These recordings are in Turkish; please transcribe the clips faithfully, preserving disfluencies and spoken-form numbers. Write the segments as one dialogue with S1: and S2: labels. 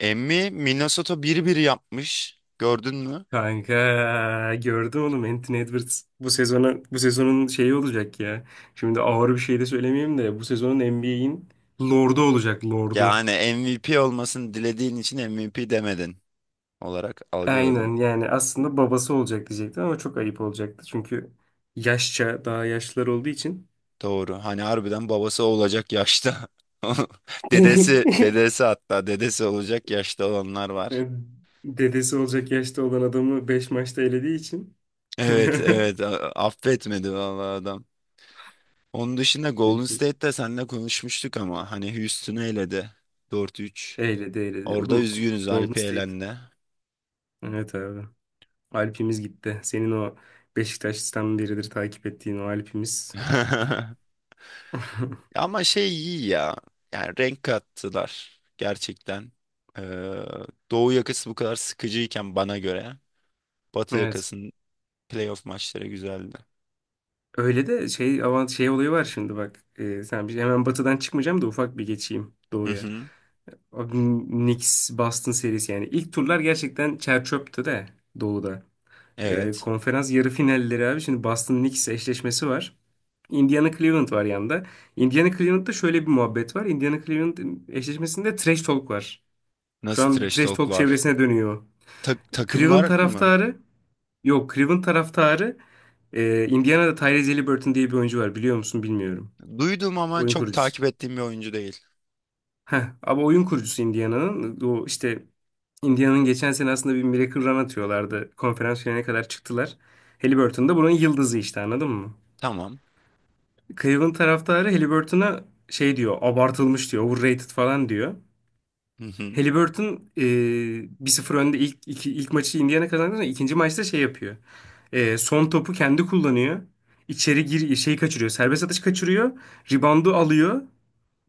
S1: Emmi Minnesota bir bir yapmış. Gördün mü?
S2: Kanka gördüm onu Anthony Edwards bu sezona bu sezonun şeyi olacak ya. Şimdi ağır bir şey de söylemeyeyim de bu sezonun N B A'in lordu olacak lordu.
S1: Yani M V P olmasını dilediğin için M V P demedin olarak algıladım.
S2: Aynen yani aslında babası olacak diyecektim ama çok ayıp olacaktı. Çünkü yaşça daha yaşlılar olduğu için
S1: Doğru. Hani harbiden babası olacak yaşta. Dedesi, dedesi hatta dedesi olacak yaşta olanlar var.
S2: dedesi olacak yaşta olan adamı beş maçta elediği için
S1: Evet, evet. A- Affetmedi vallahi adam. Onun dışında Golden State'te seninle konuşmuştuk ama hani Houston'ı eledi dört üç.
S2: eyledi eyledi.
S1: Orada
S2: Oğlum
S1: üzgünüz,
S2: Golden
S1: Alpi
S2: State.
S1: elendi.
S2: Evet abi. Alp'imiz gitti. Senin o Beşiktaş'tan beridir takip ettiğin o Alp'imiz.
S1: Ama şey iyi ya. Yani renk kattılar gerçekten. Ee, Doğu yakası bu kadar sıkıcıyken bana göre Batı
S2: Evet.
S1: yakasının playoff maçları güzeldi.
S2: Öyle de şey avant şey olayı var şimdi bak. Ee, sen bir, hemen batıdan çıkmayacağım da ufak bir geçeyim
S1: Hı
S2: doğuya.
S1: hı.
S2: Abi, Knicks Boston serisi yani ilk turlar gerçekten çer çöptü de doğuda. Ee,
S1: Evet.
S2: konferans yarı finalleri abi, şimdi Boston Knicks eşleşmesi var. Indiana Cleveland var yanında. Indiana Cleveland'da şöyle bir muhabbet var. Indiana Cleveland eşleşmesinde trash talk var. Şu
S1: Nasıl
S2: an bir
S1: trash
S2: trash
S1: talk
S2: talk
S1: var?
S2: çevresine dönüyor.
S1: Ta-
S2: Cleveland
S1: takımlar mı?
S2: taraftarı Yok, Cleveland taraftarı, e, Indiana'da Tyrese Haliburton diye bir oyuncu var, biliyor musun bilmiyorum.
S1: Duydum ama
S2: Oyun
S1: çok
S2: kurucusu.
S1: takip ettiğim bir oyuncu değil.
S2: Heh, ama oyun kurucusu Indiana'nın. O işte Indiana'nın geçen sene aslında bir miracle run atıyorlardı. Konferans finaline kadar çıktılar. Haliburton da bunun yıldızı işte, anladın mı?
S1: Tamam.
S2: Cleveland taraftarı Haliburton'a şey diyor, abartılmış diyor, overrated falan diyor.
S1: Hı hı.
S2: Halliburton e, bir sıfır önde, ilk, iki, ilk maçı Indiana kazandı ama ikinci maçta şey yapıyor. E, son topu kendi kullanıyor. İçeri gir şeyi kaçırıyor. Serbest atış kaçırıyor. Reboundu alıyor.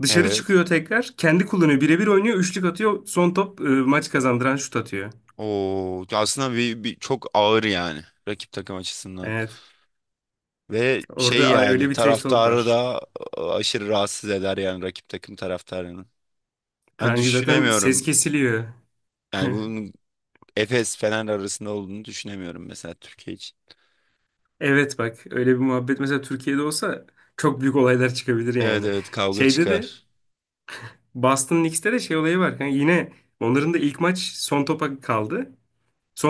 S2: Dışarı
S1: Evet.
S2: çıkıyor tekrar. Kendi kullanıyor. Birebir oynuyor. Üçlük atıyor. Son top e, maç kazandıran şut atıyor.
S1: O aslında bir, bir çok ağır yani rakip takım açısından.
S2: Evet.
S1: Ve şey
S2: Orada a, öyle
S1: yani
S2: bir trash talk
S1: taraftarı
S2: var.
S1: da e, aşırı rahatsız eder yani rakip takım taraftarını. Hani
S2: Kanka zaten ses
S1: düşünemiyorum.
S2: kesiliyor.
S1: Yani bunun Efes Fener arasında olduğunu düşünemiyorum mesela Türkiye için.
S2: Evet bak, öyle bir muhabbet mesela Türkiye'de olsa çok büyük olaylar çıkabilir
S1: Evet
S2: yani.
S1: evet, kavga
S2: Şeyde de
S1: çıkar.
S2: Boston Knicks'te de şey olayı var, kanka. Yine onların da ilk maç son topa kaldı.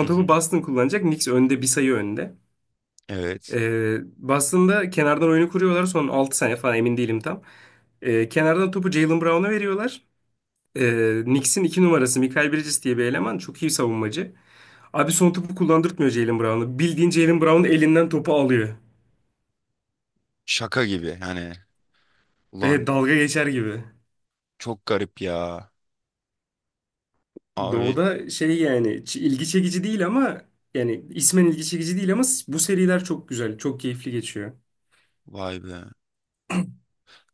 S1: Hı
S2: topu
S1: hı.
S2: Boston kullanacak. Knicks önde, bir sayı önde.
S1: Evet.
S2: Ee, Boston'da kenardan oyunu kuruyorlar. Son altı saniye falan, emin değilim tam. Ee, kenardan topu Jaylen Brown'a veriyorlar. Ee, Knicks'in iki numarası Mikal Bridges diye bir eleman. Çok iyi savunmacı. Abi son topu kullandırtmıyor Jaylen Brown'a. Bildiğin Jaylen Brown elinden topu alıyor.
S1: Şaka gibi hani.
S2: De,
S1: Ulan
S2: dalga geçer gibi.
S1: çok garip ya. Abi
S2: Doğu'da şey, yani ç- ilgi çekici değil ama, yani ismen ilgi çekici değil ama s- bu seriler çok güzel, çok keyifli geçiyor.
S1: vay be.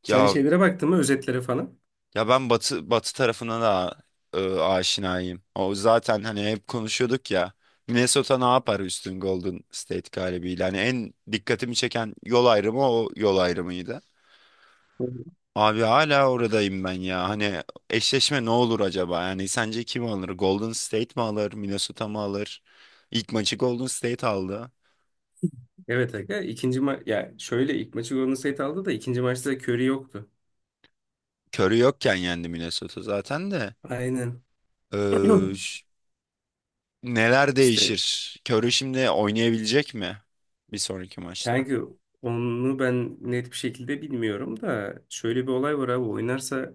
S2: Sen
S1: Ya
S2: şeylere baktın mı, özetlere falan?
S1: ya ben Batı Batı tarafına da e, aşinayım. O zaten hani hep konuşuyorduk ya. Minnesota ne yapar üstün Golden State galibiyle? Hani en dikkatimi çeken yol ayrımı o yol ayrımıydı.
S2: Evet.
S1: Abi hala oradayım ben ya. Hani eşleşme ne olur acaba? Yani sence kim alır? Golden State mi alır? Minnesota mı alır? İlk maçı Golden State aldı.
S2: Evet aga, ikinci ma ya şöyle, ilk maçı Golden State aldı da ikinci maçta Curry yoktu.
S1: Curry yokken yendi Minnesota zaten de.
S2: Aynen.
S1: Ee, ş- neler
S2: İşte
S1: değişir? Curry şimdi oynayabilecek mi? Bir sonraki maçta.
S2: kanka, onu ben net bir şekilde bilmiyorum da şöyle bir olay var abi, oynarsa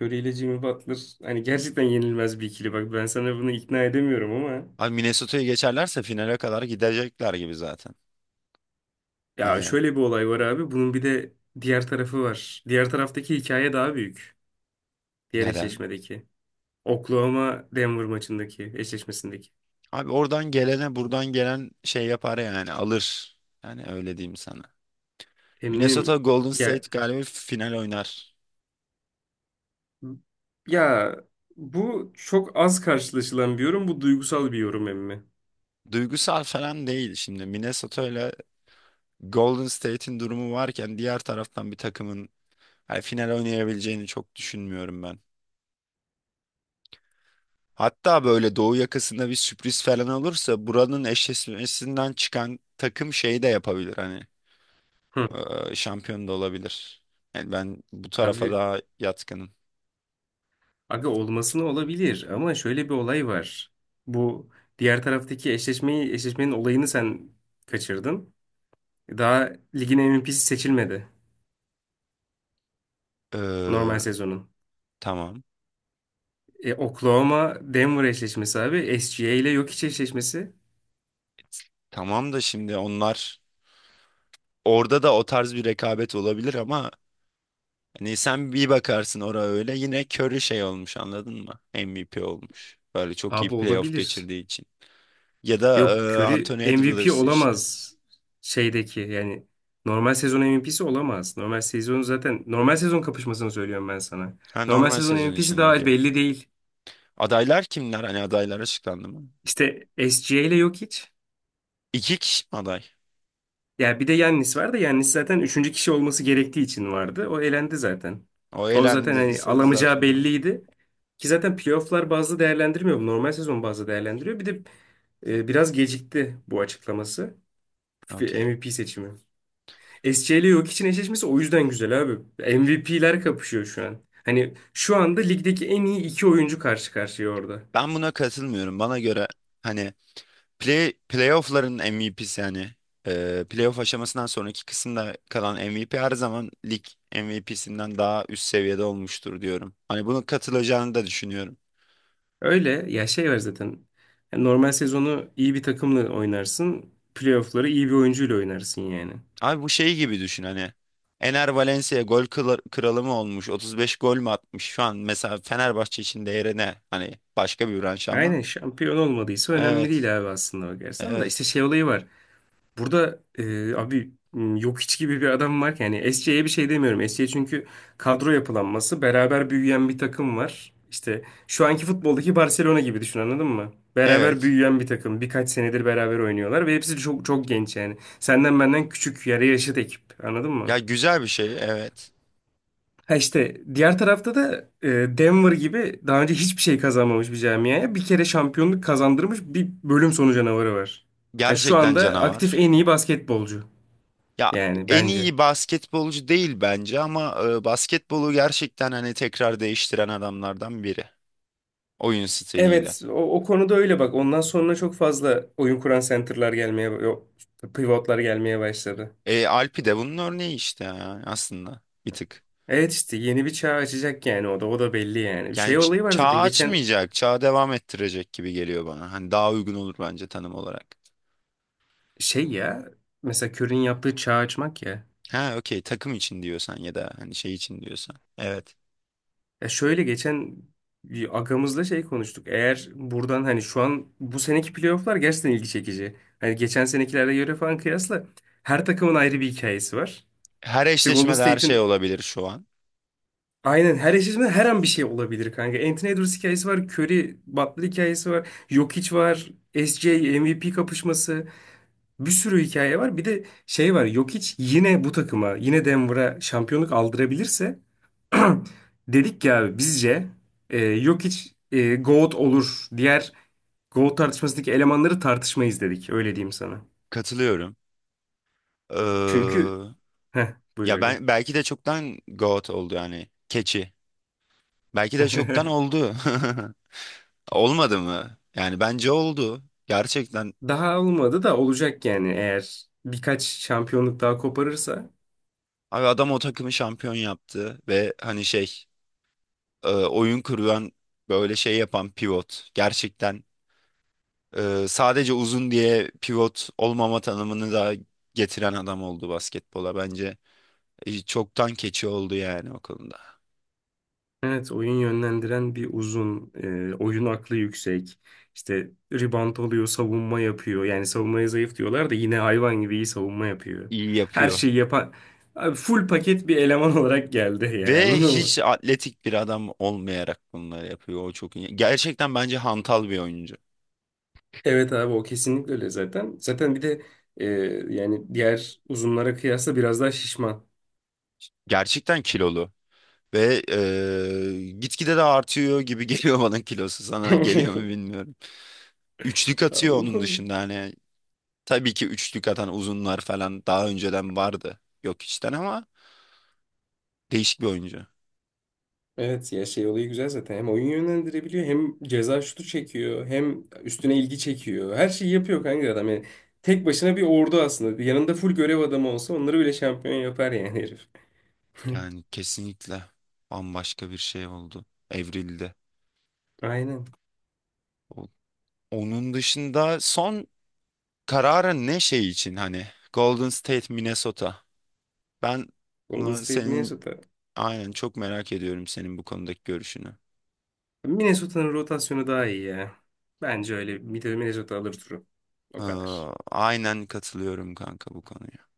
S2: Curry ile Jimmy Butler hani gerçekten yenilmez bir ikili, bak ben sana bunu ikna edemiyorum ama.
S1: Abi Minnesota'yı geçerlerse finale kadar gidecekler gibi zaten.
S2: Ya
S1: Hani
S2: şöyle bir olay var abi. Bunun bir de diğer tarafı var. Diğer taraftaki hikaye daha büyük. Diğer
S1: neden?
S2: eşleşmedeki. Oklahoma Denver maçındaki eşleşmesindeki.
S1: Abi oradan gelene buradan gelen şey yapar yani alır. Yani öyle diyeyim sana. Minnesota
S2: Emmim
S1: Golden
S2: ya
S1: State galiba final oynar.
S2: ya bu çok az karşılaşılan bir yorum. Bu duygusal bir yorum emmi.
S1: Duygusal falan değil şimdi. Minnesota ile Golden State'in durumu varken diğer taraftan bir takımın hani final oynayabileceğini çok düşünmüyorum ben. Hatta böyle doğu yakasında bir sürpriz falan olursa buranın eşleşmesinden çıkan takım şeyi de yapabilir hani
S2: Hı.
S1: eee, şampiyon da olabilir. Yani ben bu tarafa
S2: Abi
S1: daha yatkınım.
S2: aga, olmasına olabilir ama şöyle bir olay var. Bu diğer taraftaki eşleşmeyi eşleşmenin olayını sen kaçırdın. Daha ligin M V P'si seçilmedi, normal
S1: Eee,
S2: sezonun.
S1: tamam.
S2: E, Oklahoma Denver eşleşmesi abi. S G A ile Jokic eşleşmesi.
S1: Tamam da şimdi onlar orada da o tarz bir rekabet olabilir ama hani sen bir bakarsın oraya öyle yine Curry şey olmuş anladın mı? M V P olmuş. Böyle çok iyi
S2: Abi
S1: playoff
S2: olabilir.
S1: geçirdiği için. Ya da
S2: Yok,
S1: e,
S2: Curry
S1: Anthony
S2: M V P
S1: Edwards işte.
S2: olamaz, şeydeki yani normal sezon M V P'si olamaz. Normal sezon, zaten normal sezon kapışmasını söylüyorum ben sana.
S1: Ha,
S2: Normal
S1: normal
S2: sezon
S1: sezon
S2: M V P'si
S1: için okey.
S2: daha belli değil.
S1: Adaylar kimler? Hani adaylar açıklandı mı?
S2: İşte S G A ile Jokic.
S1: İki kişi mi aday?
S2: Ya bir de Yannis var da, Yannis zaten üçüncü kişi olması gerektiği için vardı. O elendi zaten.
S1: O
S2: O zaten hani
S1: elendiyse
S2: alamayacağı
S1: zaten
S2: belliydi. Ki zaten playofflar bazı değerlendirmiyor, bu normal sezon bazı değerlendiriyor. Bir de e, biraz gecikti bu açıklaması. F-
S1: okey.
S2: M V P seçimi. S C ile Jokic'in eşleşmesi o yüzden güzel abi. M V P'ler kapışıyor şu an. Hani şu anda ligdeki en iyi iki oyuncu karşı karşıya orada.
S1: Ben buna katılmıyorum. Bana göre hani Play, playoff'ların M V P'si yani. Ee, playoff aşamasından sonraki kısımda kalan M V P her zaman lig M V P'sinden daha üst seviyede olmuştur diyorum. Hani bunu katılacağını da düşünüyorum.
S2: Öyle ya, şey var zaten. Yani normal sezonu iyi bir takımla oynarsın, playoff'ları iyi bir oyuncuyla oynarsın yani.
S1: Abi bu şey gibi düşün hani. Ener Valencia gol kıla- kralı mı olmuş? otuz beş gol mü atmış? Şu an mesela Fenerbahçe için değeri ne? Hani başka bir branş ama.
S2: Aynen, şampiyon olmadıysa önemli
S1: Evet.
S2: değil abi, aslında bakarsan da, işte
S1: Evet.
S2: şey olayı var. Burada e, abi m, yok hiç gibi bir adam var ki. Yani S C'ye bir şey demiyorum. S C çünkü kadro yapılanması beraber büyüyen bir takım var. İşte şu anki futboldaki Barcelona gibi düşün, anladın mı? Beraber
S1: Evet.
S2: büyüyen bir takım. Birkaç senedir beraber oynuyorlar ve hepsi çok çok genç yani. Senden benden küçük yarı yaşıt ekip, anladın mı?
S1: Ya güzel bir şey. Evet.
S2: Ha işte diğer tarafta da e, Denver gibi daha önce hiçbir şey kazanmamış bir camiaya bir kere şampiyonluk kazandırmış bir bölüm sonu canavarı var. Yani şu
S1: Gerçekten
S2: anda aktif
S1: canavar.
S2: en iyi basketbolcu
S1: Ya
S2: yani
S1: en
S2: bence.
S1: iyi basketbolcu değil bence ama e, basketbolu gerçekten hani tekrar değiştiren adamlardan biri oyun stiliyle.
S2: Evet o, o konuda öyle, bak ondan sonra çok fazla oyun kuran center'lar gelmeye, yok, pivotlar gelmeye başladı.
S1: E, Alpi de bunun örneği işte ya, aslında bir tık.
S2: Evet işte yeni bir çağ açacak yani, o da o da belli yani.
S1: Yani
S2: Şey
S1: ç-
S2: olayı var
S1: çağ
S2: zaten geçen.
S1: açmayacak, çağı devam ettirecek gibi geliyor bana. Hani daha uygun olur bence tanım olarak.
S2: Şey ya, mesela Curry'in yaptığı çağ açmak ya.
S1: Ha okey, takım için diyorsan ya da hani şey için diyorsan. Evet.
S2: Ya şöyle, geçen bir agamızla şey konuştuk. Eğer buradan hani, şu an bu seneki playofflar gerçekten ilgi çekici. Hani geçen senekilerle göre falan kıyasla her takımın ayrı bir hikayesi var.
S1: Her
S2: İşte Golden
S1: eşleşmede her şey
S2: State'in
S1: olabilir şu an.
S2: aynen, her eşleşmede her an bir şey olabilir kanka. Anthony Edwards hikayesi var, Curry, Butler hikayesi var, Jokic var, S J M V P kapışması. Bir sürü hikaye var. Bir de şey var. Jokic yine bu takıma, yine Denver'a şampiyonluk aldırabilirse dedik ya bizce e, Jokic e, goat olur. Diğer goat tartışmasındaki elemanları tartışmayız dedik. Öyle diyeyim sana.
S1: Katılıyorum. Ee,
S2: Çünkü heh, buyur
S1: ya
S2: aga.
S1: ben belki de çoktan GOAT oldu yani keçi. Belki de çoktan oldu. Olmadı mı? Yani bence oldu. Gerçekten.
S2: Daha olmadı da olacak yani, eğer birkaç şampiyonluk daha koparırsa.
S1: Abi adam o takımı şampiyon yaptı ve hani şey e, oyun kuruyan böyle şey yapan pivot. Gerçekten e, sadece uzun diye pivot olmama tanımını da getiren adam oldu basketbola. Bence e, çoktan keçi oldu yani o konuda.
S2: Evet, oyun yönlendiren bir uzun, e, oyun aklı yüksek. İşte rebound oluyor, savunma yapıyor. Yani savunmaya zayıf diyorlar da yine hayvan gibi iyi savunma yapıyor.
S1: İyi
S2: Her
S1: yapıyor.
S2: şeyi yapan, abi full paket bir eleman olarak geldi yani,
S1: Ve
S2: anladın mı?
S1: hiç atletik bir adam olmayarak bunları yapıyor. O çok iyi. Gerçekten bence hantal bir oyuncu.
S2: Evet abi o kesinlikle öyle zaten. Zaten bir de e, yani diğer uzunlara kıyasla biraz daha şişman.
S1: Gerçekten kilolu. Ve eee gitgide de artıyor gibi geliyor bana kilosu, sana geliyor mu bilmiyorum. Üçlük
S2: Abi
S1: atıyor
S2: o
S1: onun
S2: konu.
S1: dışında hani tabii ki üçlük atan uzunlar falan daha önceden vardı. Yok içten ama değişik bir oyuncu.
S2: Evet ya, şey olayı güzel zaten. Hem oyun yönlendirebiliyor, hem ceza şutu çekiyor, hem üstüne ilgi çekiyor. Her şeyi yapıyor kanka, adam yani. Tek başına bir ordu aslında. Yanında full görev adamı olsa onları bile şampiyon yapar yani herif.
S1: Yani kesinlikle bambaşka bir şey oldu. Evrildi.
S2: Aynen.
S1: O- Onun dışında son kararın ne şey için hani Golden State Minnesota. Ben
S2: Golden
S1: buna
S2: State
S1: senin
S2: Minnesota.
S1: aynen çok merak ediyorum senin bu konudaki görüşünü.
S2: Minnesota'nın rotasyonu daha iyi ya. Bence öyle. Bir de Minnesota alır turu. O
S1: Ee,
S2: kadar.
S1: aynen katılıyorum kanka bu konuya.